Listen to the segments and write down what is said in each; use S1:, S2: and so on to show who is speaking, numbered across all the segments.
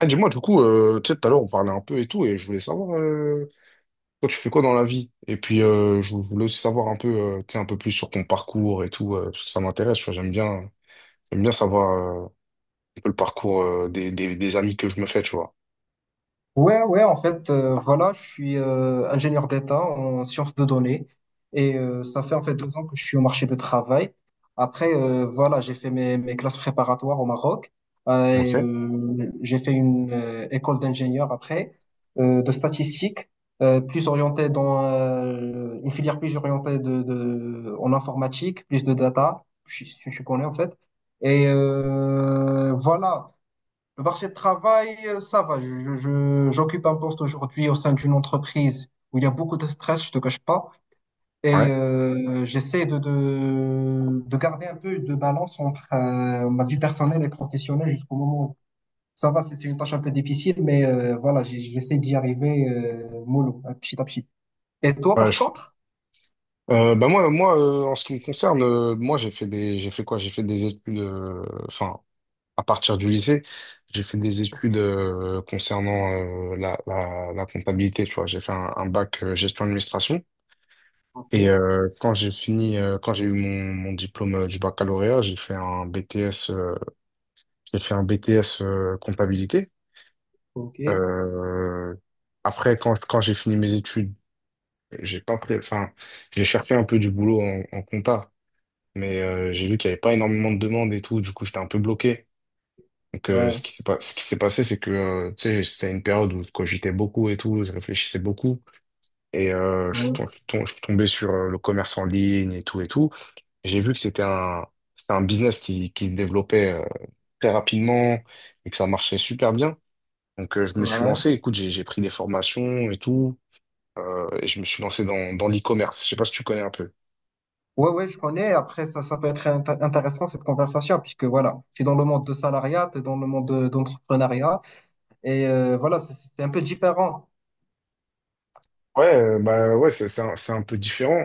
S1: Ah, dis-moi, du coup, tu sais, tout à l'heure, on parlait un peu et tout, et je voulais savoir, toi, tu fais quoi dans la vie? Et puis, je voulais aussi savoir un peu, tu sais, un peu plus sur ton parcours et tout, parce que ça m'intéresse, tu vois, j'aime bien savoir euh, un peu le parcours des amis que je me fais, tu vois.
S2: Ouais, ouais, en fait, voilà, je suis ingénieur d'État en sciences de données et ça fait en fait 2 ans que je suis au marché du travail. Après, voilà, j'ai fait mes classes préparatoires au Maroc et
S1: Ok.
S2: j'ai fait une école d'ingénieur après de statistique, plus orientée dans une filière plus orientée en informatique, plus de data, je connais en fait. Et voilà. Le marché de travail, ça va. J'occupe un poste aujourd'hui au sein d'une entreprise où il y a beaucoup de stress, je te cache pas. Et
S1: Ouais.
S2: j'essaie de garder un peu de balance entre ma vie personnelle et professionnelle jusqu'au moment où ça va. C'est une tâche un peu difficile, mais voilà, j'essaie d'y arriver mollo, hein, petit à petit. Et toi,
S1: Ouais,
S2: par contre?
S1: bah moi, en ce qui me concerne, moi, j'ai fait quoi? J'ai fait des études, enfin, à partir du lycée, j'ai fait des
S2: Ok,
S1: études concernant la comptabilité, tu vois. J'ai fait un bac gestion administration. Et quand j'ai eu mon diplôme du baccalauréat, j'ai fait un j'ai fait un BTS comptabilité.
S2: ok,
S1: Euh, après, quand j'ai fini mes études, j'ai pas pris, enfin, j'ai cherché un peu du boulot en, en compta, mais j'ai vu qu'il n'y avait pas énormément de demandes et tout, du coup, j'étais un peu bloqué. Donc, ce
S2: ouais,
S1: qui s'est pas, ce qui s'est passé, c'est que, tu sais, c'était une période où je cogitais beaucoup et tout, je réfléchissais beaucoup. Et
S2: ouais,
S1: je suis tombé sur le commerce en ligne et tout et tout. J'ai vu que c'était un business qui se développait très rapidement et que ça marchait super bien. Donc je me suis
S2: ouais.
S1: lancé, écoute, j'ai pris des formations et tout, et je me suis lancé dans l'e-commerce. Je sais pas si tu connais un peu.
S2: Ouais, ouais, je connais. Après, ça peut être intéressant cette conversation, puisque voilà, c'est dans le monde de salariat, t'es dans le monde d'entrepreneuriat, et voilà, c'est un peu différent.
S1: Ouais, bah ouais, c'est un peu différent.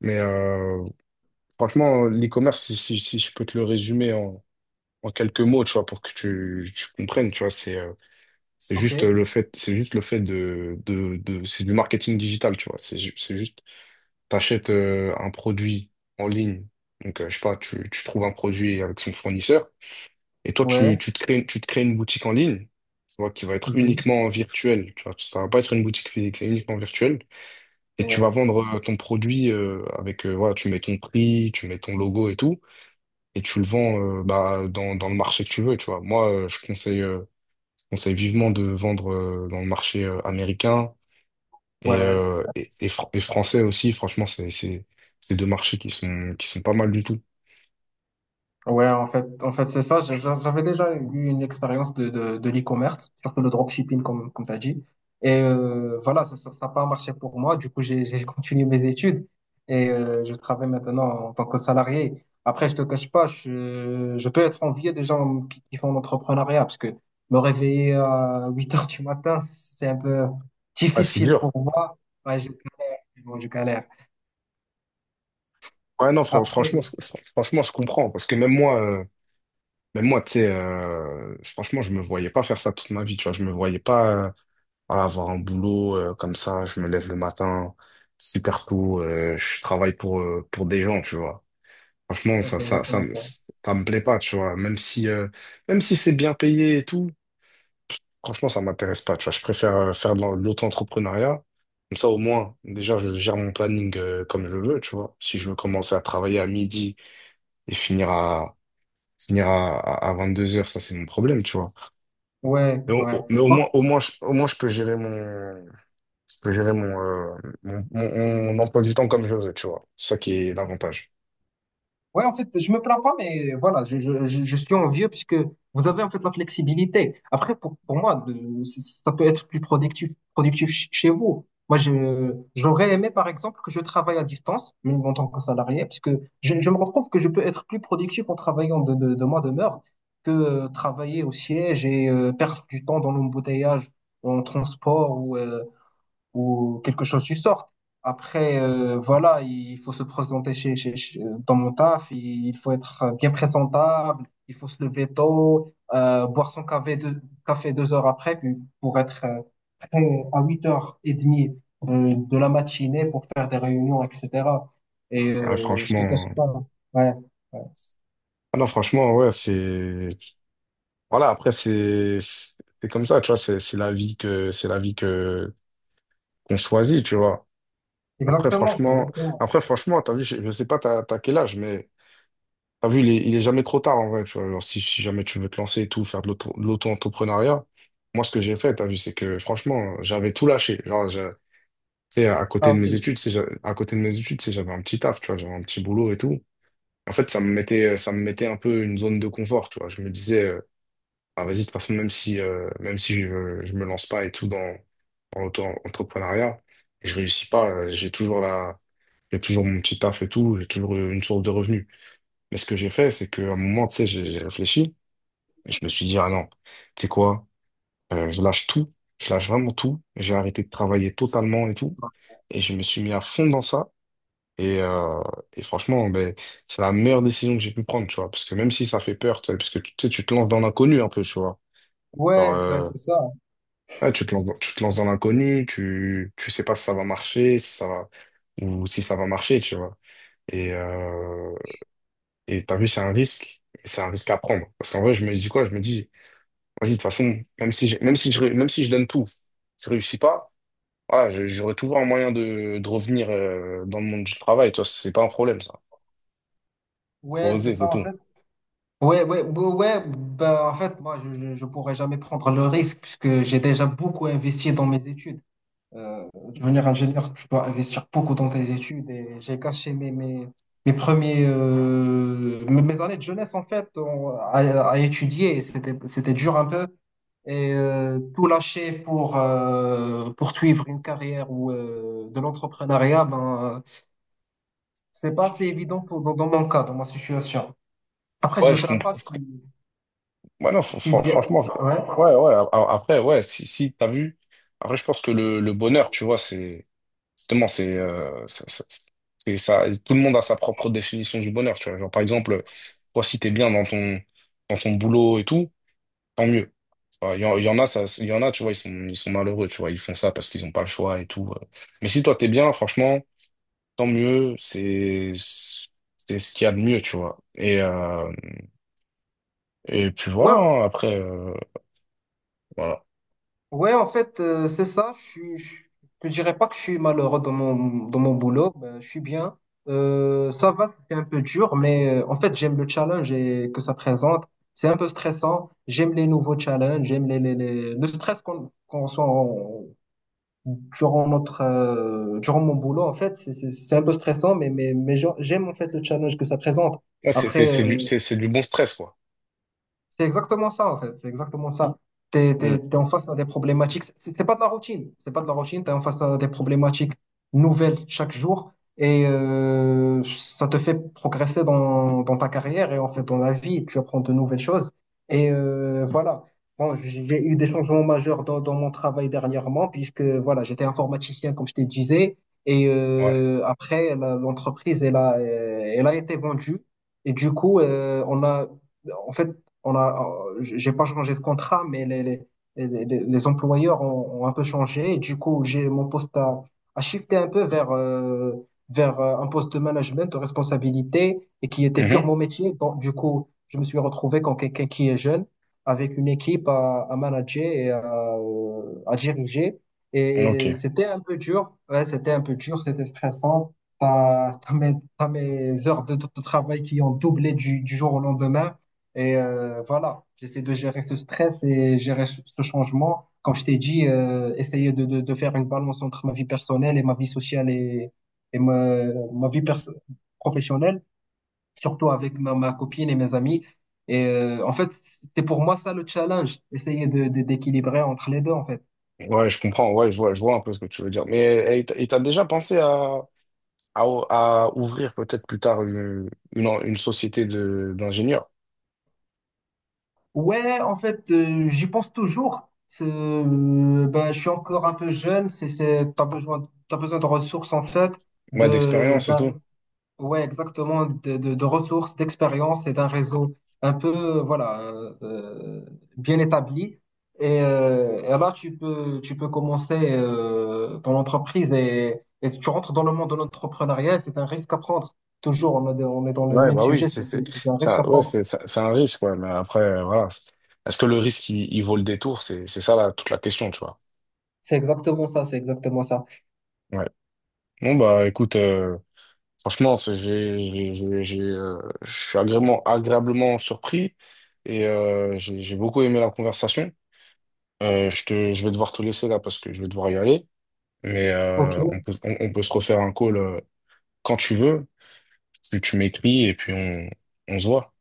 S1: Mais franchement, l'e-commerce, si je peux te le résumer en, en quelques mots, tu vois, pour que tu comprennes, tu vois, c'est
S2: Ok,
S1: juste le fait, c'est du marketing digital, tu vois. C'est, ju- c'est juste, t'achètes un produit en ligne. Donc, je sais pas, tu trouves un produit avec son fournisseur et toi,
S2: ouais,
S1: tu te crées une boutique en ligne, tu vois, qui va être
S2: mhm,
S1: uniquement virtuelle, tu vois. Ça va pas être une boutique physique, c'est uniquement virtuel. Et tu vas
S2: ouais,
S1: vendre ton produit voilà, tu mets ton prix, tu mets ton logo et tout, et tu le vends bah, dans le marché que tu veux, tu vois. Moi, je conseille. Conseille vivement de vendre dans le marché américain et,
S2: ouais.
S1: et et français aussi. Franchement, c'est deux marchés qui sont pas mal du tout.
S2: Ouais, en fait, c'est ça. J'avais déjà eu une expérience de l'e-commerce, surtout le dropshipping, comme tu as dit. Et voilà, ça n'a pas marché pour moi. Du coup, j'ai continué mes études et je travaille maintenant en tant que salarié. Après, je te cache pas, je peux être envié des gens qui font l'entrepreneuriat parce que me réveiller à 8 heures du matin, c'est un peu
S1: Ah, c'est
S2: difficile pour
S1: dur.
S2: moi. Ouais, je galère, je galère.
S1: Ouais, non,
S2: Après,
S1: franchement, franchement, je comprends. Parce que même moi, tu sais, franchement, je me voyais pas faire ça toute ma vie. Tu vois, je me voyais pas voilà, avoir un boulot comme ça. Je me lève le matin super tôt. Je travaille pour des gens, tu vois. Franchement,
S2: ouais, c'est exactement ça.
S1: ça me plaît pas, tu vois. Même si c'est bien payé et tout, franchement, ça m'intéresse pas, tu vois. Je préfère faire de l'auto-entrepreneuriat. Comme ça, au moins, déjà, je gère mon planning comme je veux, tu vois. Si je veux commencer à travailler à midi et finir à, à 22 heures, ça, c'est mon problème, tu vois.
S2: Ouais,
S1: Mais au,
S2: ouais.
S1: au- mais au moins, je peux gérer je peux gérer mon, mon emploi du temps comme je veux, tu vois. C'est ça qui est l'avantage.
S2: Ouais, en fait, je me plains pas, mais voilà, je suis envieux puisque vous avez en fait la flexibilité. Après, pour moi, ça peut être plus productif chez vous. Moi, j'aurais aimé, par exemple, que je travaille à distance, même en tant que salarié, puisque je me retrouve que je peux être plus productif en travaillant de ma demeure que travailler au siège et perdre du temps dans l'embouteillage, en transport ou quelque chose du sort. Après, voilà, il faut se présenter dans mon taf, il faut être bien présentable, il faut se lever tôt, boire son café 2 heures après puis pour être prêt à 8h30 de la matinée pour faire des réunions, etc. Et
S1: Ouais,
S2: je te cache
S1: franchement,
S2: pas, ouais. Ouais.
S1: ah non, franchement, ouais, c'est, voilà, après, c'est c'est comme ça, tu vois. C'est la vie que, qu'on choisit, tu vois. Après,
S2: Exactement,
S1: franchement,
S2: exactement.
S1: après, franchement, t'as vu, je sais pas t'as quel âge, mais t'as vu, il est jamais trop tard en vrai, tu vois. Genre, si jamais tu veux te lancer et tout, faire de l'auto, de l'auto-entrepreneuriat, moi, ce que j'ai fait, t'as vu, c'est que franchement, j'avais tout lâché. Genre, tu sais,
S2: Ah, ok.
S1: à côté de mes études, c'est, j'avais un petit taf, tu vois, j'avais un petit boulot et tout. En fait, ça me mettait un peu une zone de confort, tu vois. Je me disais, ah, vas-y, de toute façon, même si, je me lance pas et tout dans l'auto-entrepreneuriat, et je réussis pas, j'ai toujours j'ai toujours mon petit taf et tout, j'ai toujours une source de revenus. Mais ce que j'ai fait, c'est qu'à un moment, tu sais, j'ai réfléchi et je me suis dit, ah non, tu sais quoi, je lâche tout, je lâche vraiment tout. J'ai arrêté de travailler totalement et tout. Et je me suis mis à fond dans ça. Et, euh, et franchement, ben, c'est la meilleure décision que j'ai pu prendre, tu vois. Parce que même si ça fait peur, tu sais, parce que tu sais, tu te lances dans l'inconnu un peu, tu vois. Genre,
S2: Ouais, ouais,
S1: euh,
S2: c'est ça.
S1: ouais, tu te lances tu te lances dans l'inconnu, tu sais pas si ça va marcher, si ça va, ou si ça va marcher, tu vois. Et, et t'as vu, c'est un risque, mais c'est un risque à prendre. Parce qu'en vrai, je me dis quoi? Je me dis, vas-y, de toute façon, même si je donne tout, si je réussis pas, voilà, j'aurai toujours un moyen de revenir dans le monde du travail. Toi, c'est pas un problème, ça. Faut
S2: Ouais, c'est
S1: oser, c'est
S2: ça, en
S1: tout.
S2: fait. Ouais, ouais, ouais, ouais, ben, en fait, moi, je pourrais jamais prendre le risque puisque j'ai déjà beaucoup investi dans mes études. Euh, Devenir ingénieur, tu dois investir beaucoup dans tes études et j'ai gâché mes, mes, mes premiers, mes mes années de jeunesse en fait à étudier et c'était dur un peu. Et tout lâcher pour poursuivre une carrière ou de l'entrepreneuriat, ben, c'est pas assez évident dans mon cas, dans ma situation. Après, je
S1: Ouais,
S2: me
S1: je
S2: plains
S1: comprends.
S2: pas,
S1: Ouais, non,
S2: je suis bien.
S1: franchement,
S2: Ouais.
S1: ouais, ouais, après, ouais, si, si, t'as vu, après, je pense que le bonheur, tu vois, c'est, justement, c'est, c'est ça, tout le monde a sa propre définition du bonheur, tu vois. Genre, par exemple, toi, si t'es bien dans ton boulot et tout, tant mieux. Enfin, il y en a, ça, il y en a, tu vois, ils sont malheureux, tu vois, ils font ça parce qu'ils n'ont pas le choix et tout. Mais si toi, t'es bien, franchement, tant mieux, c'est ce qu'il y a de mieux, tu vois. Et puis voilà,
S2: Ouais,
S1: hein, après, voilà.
S2: ouais, en fait, c'est ça. Je dirais pas que je suis malheureux dans mon boulot. Ben, je suis bien. Ça va, c'est un peu dur, mais en fait, j'aime le challenge et que ça présente. C'est un peu stressant. J'aime les nouveaux challenges. J'aime le stress qu'on soit durant notre durant mon boulot. En fait, c'est un peu stressant, mais j'aime en fait le challenge que ça présente.
S1: Ah,
S2: Après. euh,
S1: c'est du bon stress, quoi.
S2: c'est exactement ça, en fait. C'est exactement ça. T'es,
S1: Hmm.
S2: t'es, t'es en face à des problématiques. C'est pas de la routine. C'est pas de la routine. T'es en face à des problématiques nouvelles chaque jour. Et ça te fait progresser dans ta carrière et en fait dans la vie. Tu apprends de nouvelles choses. Et voilà. Bon, j'ai eu des changements majeurs dans mon travail dernièrement, puisque voilà, j'étais informaticien, comme je te disais. Et
S1: Ouais.
S2: après, l'entreprise, elle a été vendue. Et du coup, on a en fait, on a, j'ai pas changé de contrat, mais les, les- employeurs ont un peu changé. Et du coup, j'ai mon poste à shifté un peu vers un poste de management, de responsabilité, et qui était pure
S1: Mhm.
S2: mon métier. Donc, du coup, je me suis retrouvé comme quelqu'un qui est jeune, avec une équipe à manager et à diriger. Et
S1: Ok.
S2: c'était un peu dur. Ouais, c'était un peu dur, c'était stressant. T'as mes heures de travail qui ont doublé du jour au lendemain. Et voilà, j'essaie de gérer ce stress et gérer ce changement. Comme je t'ai dit, essayer de faire une balance entre ma vie personnelle et ma vie sociale et ma vie professionnelle, surtout avec ma copine et mes amis. Et en fait, c'était pour moi ça le challenge, essayer d'équilibrer entre les deux, en fait.
S1: Ouais, je comprends. Ouais, je vois un peu ce que tu veux dire. Mais et et t'as déjà pensé à, à, à ouvrir peut-être plus tard une société de, d'ingénieurs,
S2: Ouais, en fait, j'y pense toujours. Ben, je suis encore un peu jeune, t'as besoin de ressources, en fait
S1: ouais,
S2: de
S1: d'expérience et
S2: d'un.
S1: tout.
S2: Ouais, exactement, de ressources, d'expériences et d'un réseau un peu, voilà, euh, bien établi. Et là, tu peux commencer ton entreprise et si tu rentres dans le monde de l'entrepreneuriat, c'est un risque à prendre. Toujours, on est dans le
S1: Ouais,
S2: même
S1: bah oui,
S2: sujet,
S1: c'est c'est
S2: c'est un risque à
S1: ça, ouais,
S2: prendre.
S1: c'est un risque, ouais, mais après, voilà. Est-ce que le risque, il vaut le détour? C'est ça, toute la question, tu vois.
S2: C'est exactement ça, c'est exactement ça.
S1: Ouais. Bon, bah écoute, franchement, j'ai, je suis agréablement surpris et j'ai beaucoup aimé la conversation. Je vais devoir te laisser là parce que je vais devoir y aller, mais
S2: Ok,
S1: on peut se refaire un call quand tu veux. Tu m'écris et puis on se voit.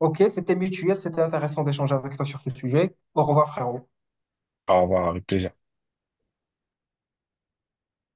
S2: ok, c'était mutuel, c'était intéressant d'échanger avec toi sur ce sujet. Au revoir, frère.
S1: Au revoir, avec plaisir.